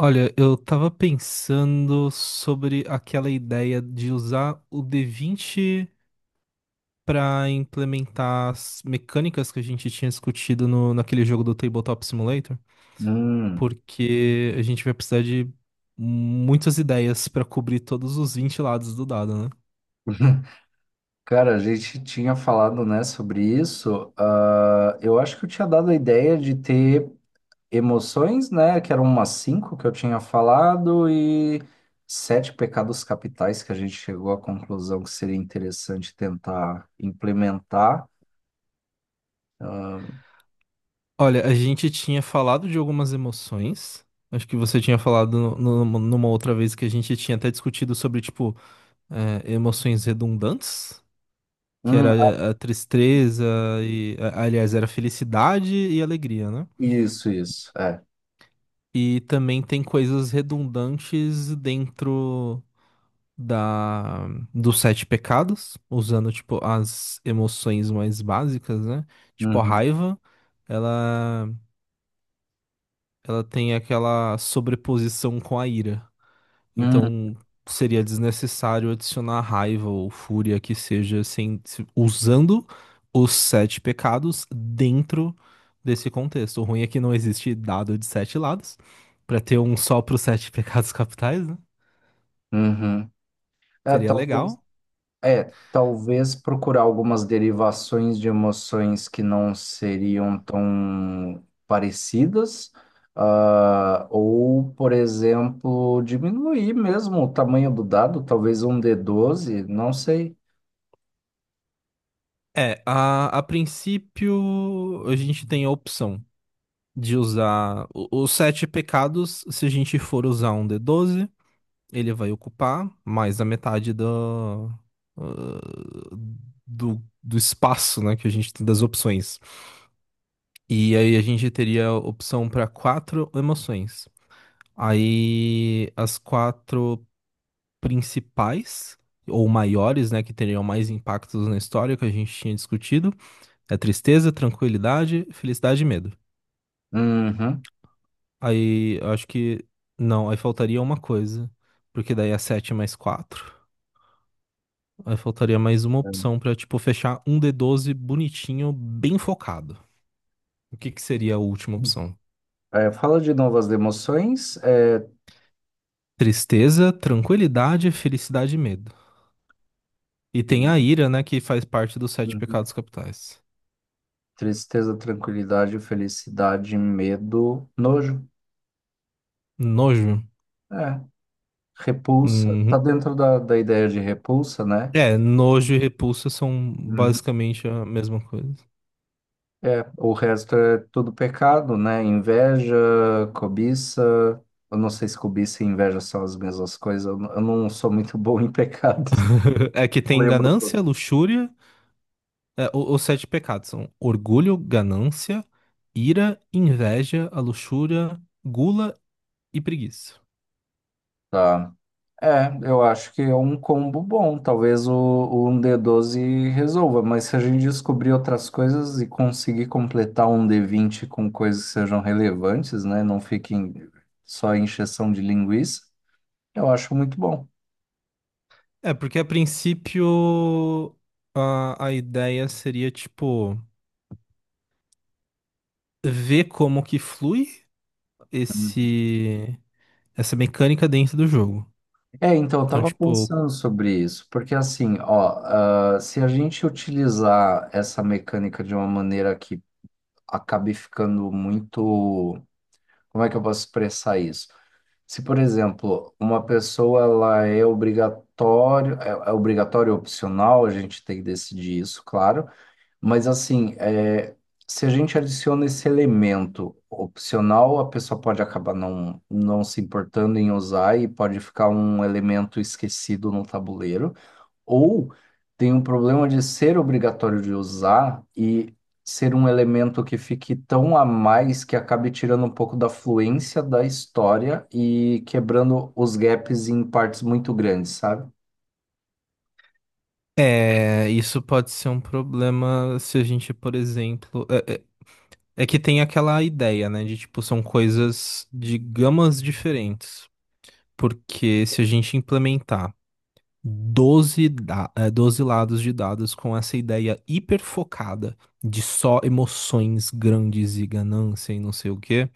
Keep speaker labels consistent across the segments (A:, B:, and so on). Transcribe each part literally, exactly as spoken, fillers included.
A: Olha, eu tava pensando sobre aquela ideia de usar o D vinte para implementar as mecânicas que a gente tinha discutido no, naquele jogo do Tabletop Simulator,
B: Hum.
A: porque a gente vai precisar de muitas ideias para cobrir todos os vinte lados do dado, né?
B: Cara, a gente tinha falado, né, sobre isso. Ah, eu acho que eu tinha dado a ideia de ter emoções, né, que eram umas cinco que eu tinha falado e sete pecados capitais que a gente chegou à conclusão que seria interessante tentar implementar. Ah,
A: Olha, a gente tinha falado de algumas emoções. Acho que você tinha falado no- no- numa outra vez que a gente tinha até discutido sobre, tipo, eh, emoções redundantes. Que
B: Hum, ah,
A: era a tristeza e, a- aliás, era felicidade e alegria, né?
B: isso, isso, é.
A: E também tem coisas redundantes dentro da dos sete pecados, usando tipo as emoções mais básicas, né? Tipo a
B: Uhum,
A: raiva, ela ela tem aquela sobreposição com a ira.
B: hum,
A: Então seria desnecessário adicionar raiva ou fúria que seja sem, se- usando os sete pecados dentro desse contexto. O ruim é que não existe dado de sete lados para ter um só para os sete pecados capitais, né?
B: uhum. É,
A: Seria legal.
B: talvez. É, talvez procurar algumas derivações de emoções que não seriam tão parecidas, ah, ou, por exemplo, diminuir mesmo o tamanho do dado, talvez um d doze, não sei.
A: É, a, a princípio a gente tem a opção de usar o- os sete pecados se a gente for usar um d doze. Ele vai ocupar mais a metade do, ah, do, do espaço, né, que a gente tem das opções. E aí a gente teria opção para quatro emoções. Aí as quatro principais, ou maiores, né, que teriam mais impactos na história que a gente tinha discutido, é tristeza, tranquilidade, felicidade e medo.
B: Uhum.
A: Aí eu acho que. Não, aí faltaria uma coisa, porque daí é sete mais quatro. Aí faltaria mais uma opção pra, tipo, fechar um d doze bonitinho, bem focado. O que que seria a última opção?
B: É, é, fala de novas emoções, é,
A: Tristeza, tranquilidade, felicidade e medo. E tem a
B: e-
A: ira, né, que faz parte dos sete
B: uhum.
A: pecados capitais.
B: Tristeza, tranquilidade, felicidade, medo, nojo,
A: Nojo.
B: é, repulsa.
A: Uhum.
B: Tá dentro da, da ideia de repulsa, né?
A: É, nojo e repulsa são
B: Uhum.
A: basicamente a mesma coisa.
B: É, o resto é tudo pecado, né? Inveja, cobiça. Eu não sei se cobiça e inveja são as mesmas coisas. Eu n- eu não sou muito bom em pecados.
A: É que tem
B: Lembro tudo.
A: ganância, luxúria. É, o- os sete pecados são orgulho, ganância, ira, inveja, a luxúria, gula e preguiça.
B: Tá. É, eu acho que é um combo bom. Talvez o, o um d doze resolva, mas se a gente descobrir outras coisas e conseguir completar um d vinte com coisas que sejam relevantes, né? Não fiquem só em encheção de linguiça, eu acho muito bom.
A: É, porque a princípio a, a ideia seria, tipo, ver como que flui esse, essa mecânica dentro do jogo.
B: É, então, eu
A: Então,
B: tava
A: tipo,
B: pensando sobre isso, porque assim, ó, ah, se a gente utilizar essa mecânica de uma maneira que acabe ficando muito, como é que eu posso expressar isso? Se, por exemplo, uma pessoa ela é obrigatório, é, é obrigatório ou opcional, a gente tem que decidir isso, claro. Mas assim, é, se a gente adiciona esse elemento opcional, a pessoa pode acabar não, não se importando em usar e pode ficar um elemento esquecido no tabuleiro. Ou tem um problema de ser obrigatório de usar e ser um elemento que fique tão a mais que acabe tirando um pouco da fluência da história e quebrando os gaps em partes muito grandes, sabe?
A: é, isso pode ser um problema se a gente, por exemplo. É, é- é que tem aquela ideia, né, de, tipo, são coisas de gamas diferentes. Porque se a gente implementar doze da- eh, doze lados de dados com essa ideia hiperfocada de só emoções grandes e ganância e não sei o quê.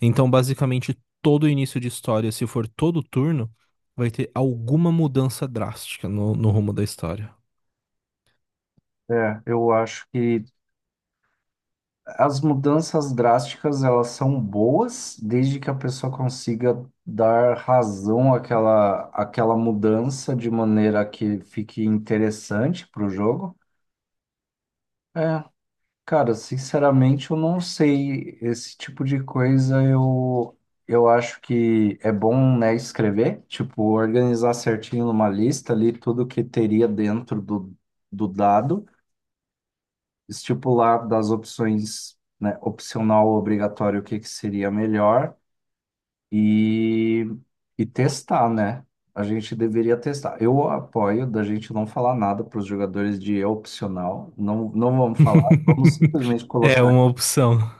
A: Então, basicamente, todo início de história, se for todo turno, vai ter alguma mudança drástica no, no rumo da história.
B: É, eu acho que as mudanças drásticas, elas são boas, desde que a pessoa consiga dar razão àquela, àquela mudança de maneira que fique interessante para o jogo. É, cara, sinceramente, eu não sei. Esse tipo de coisa eu, eu acho que é bom, né, escrever, tipo, organizar certinho numa lista ali tudo que teria dentro do, do dado, estipular das opções, né, opcional, obrigatório, o que que seria melhor e, e testar, né? A gente deveria testar. Eu apoio da gente não falar nada para os jogadores de é opcional, não, não vamos falar, vamos simplesmente
A: É
B: colocar
A: uma opção.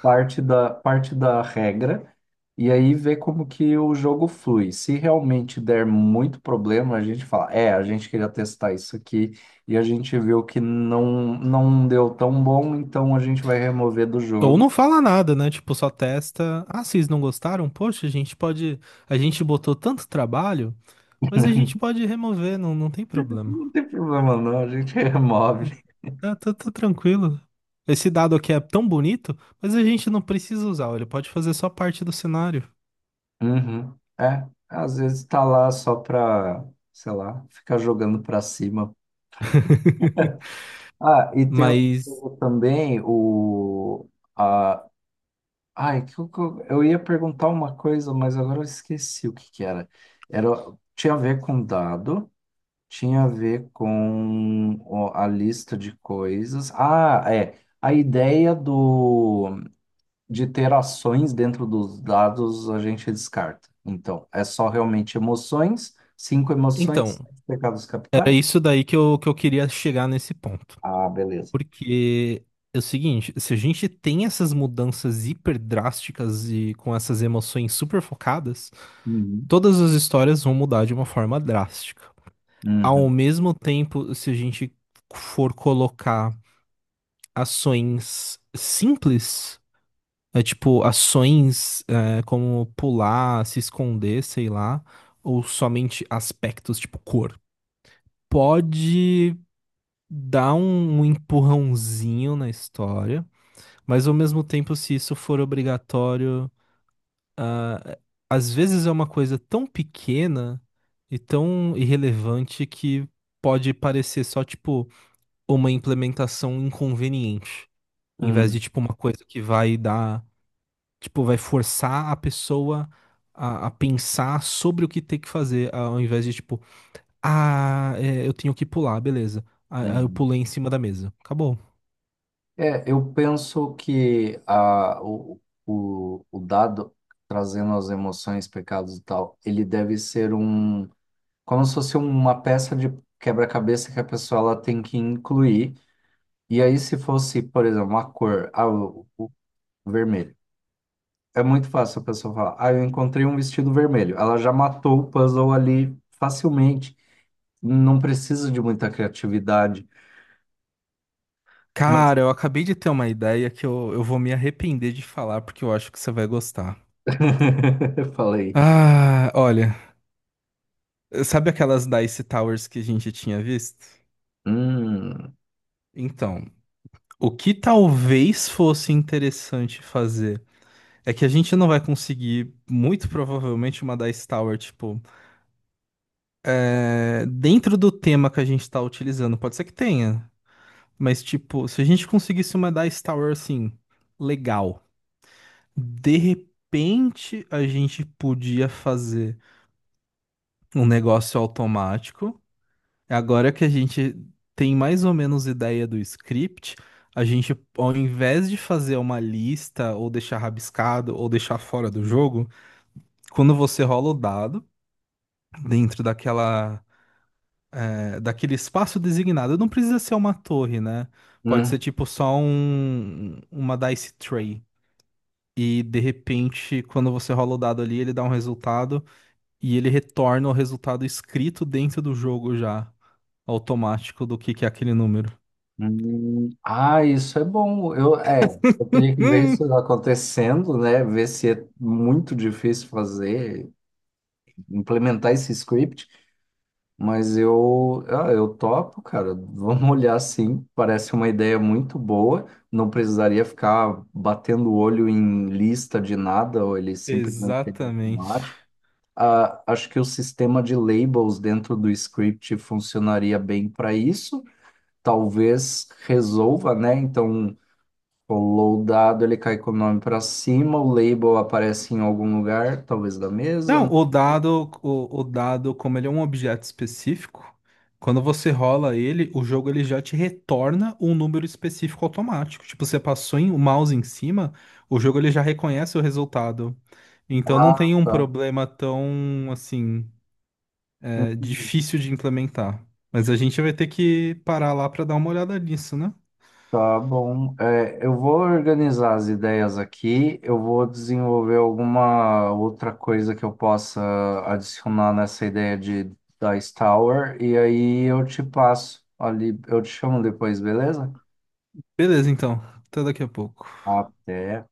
B: parte da, parte da regra e aí ver como que o jogo flui. Se realmente der muito problema, a gente fala, é, a gente queria testar isso aqui e a gente viu que não, não deu tão bom, então a gente vai remover do
A: Ou
B: jogo.
A: não fala nada, né? Tipo, só testa. Ah, vocês não gostaram? Poxa, a gente pode. A gente botou tanto trabalho, mas a gente pode remover, não, não tem problema.
B: Não tem problema não, a gente remove.
A: Tá, tá, tá tranquilo. Esse dado aqui é tão bonito, mas a gente não precisa usar, ele pode fazer só parte do cenário.
B: Uhum. É, às vezes tá lá só pra, sei lá, ficar jogando pra cima. Ah, e tem o-
A: Mas,
B: o também o, Ai, que eu, que eu eu ia perguntar uma coisa, mas agora eu esqueci o que que era. Era, tinha a ver com dado, tinha a ver com o- a lista de coisas. Ah, é. A ideia do, de ter ações dentro dos dados a gente descarta. Então, é só realmente emoções, cinco
A: então,
B: emoções, sete pecados
A: era
B: capitais.
A: isso daí que eu, que eu queria chegar nesse ponto.
B: Ah, beleza.
A: Porque é o seguinte, se a gente tem essas mudanças hiper drásticas e com essas emoções super focadas,
B: Uhum.
A: todas as histórias vão mudar de uma forma drástica. Ao
B: Uhum.
A: mesmo tempo, se a gente for colocar ações simples. É tipo ações, é, como pular, se esconder, sei lá, ou somente aspectos tipo cor. Pode dar um, um empurrãozinho na história, mas ao mesmo tempo, se isso for obrigatório, a- às vezes é uma coisa tão pequena e tão irrelevante que pode parecer só tipo uma implementação inconveniente, em vez de
B: Uhum.
A: tipo uma coisa que vai dar. Tipo, vai forçar a pessoa a, a pensar sobre o que tem que fazer, ao invés de, tipo, ah, é, eu tenho que pular, beleza. Aí aí eu
B: Uhum.
A: pulei em cima da mesa. Acabou.
B: É, eu penso que a, o, o, o dado, trazendo as emoções, pecados e tal, ele deve ser um, como se fosse uma peça de quebra-cabeça que a pessoa ela tem que incluir. E aí, se fosse, por exemplo, a cor, ah, o, o vermelho, é muito fácil a pessoa falar, ah, eu encontrei um vestido vermelho. Ela já matou o puzzle ali facilmente. Não precisa de muita criatividade. Mas
A: Cara, eu acabei de ter uma ideia que eu, eu vou me arrepender de falar, porque eu acho que você vai gostar.
B: eu falei,
A: Ah, olha, sabe aquelas Dice Towers que a gente tinha visto?
B: hum,
A: Então, o que talvez fosse interessante fazer é que a gente não vai conseguir, muito provavelmente, uma Dice Tower, tipo. É, dentro do tema que a gente tá utilizando, pode ser que tenha, mas tipo, se a gente conseguisse uma Dice Tower assim, legal, de repente a gente podia fazer um negócio automático. Agora que a gente tem mais ou menos ideia do script, a gente, ao invés de fazer uma lista ou deixar rabiscado ou deixar fora do jogo, quando você rola o dado dentro daquela é, daquele espaço designado. Não precisa ser uma torre, né? Pode ser
B: hum.
A: tipo só um, uma dice tray. E de repente, quando você rola o dado ali, ele dá um resultado e ele retorna o resultado escrito dentro do jogo já, automático do que que é aquele número.
B: Hum, ah, isso é bom. Eu, é, eu teria que ver isso
A: Hum,
B: acontecendo, né? Ver se é muito difícil fazer, implementar esse script. Mas eu, ah, eu topo, cara. Vamos olhar sim. Parece uma ideia muito boa. Não precisaria ficar batendo o olho em lista de nada, ou ele simplesmente seria
A: Exatamente.
B: automático. Ah, acho que o sistema de labels dentro do script funcionaria bem para isso, talvez resolva, né? Então, rolou o dado, ele cai com o nome para cima, o label aparece em algum lugar, talvez da
A: Não,
B: mesa.
A: o dado, o, o dado, como ele é um objeto específico, quando você rola ele, o jogo ele já te retorna um número específico automático. Tipo, você passou em- o mouse em cima, o jogo ele já reconhece o resultado. Então não
B: Ah,
A: tem um
B: tá.
A: problema tão, assim, é, difícil de implementar. Mas a gente vai ter que parar lá para dar uma olhada nisso, né?
B: Tá bom. É, eu vou organizar as ideias aqui, eu vou desenvolver alguma outra coisa que eu possa adicionar nessa ideia de Dice Tower, e aí eu te passo ali, eu te chamo depois, beleza?
A: Beleza, então. Até daqui a pouco.
B: Até.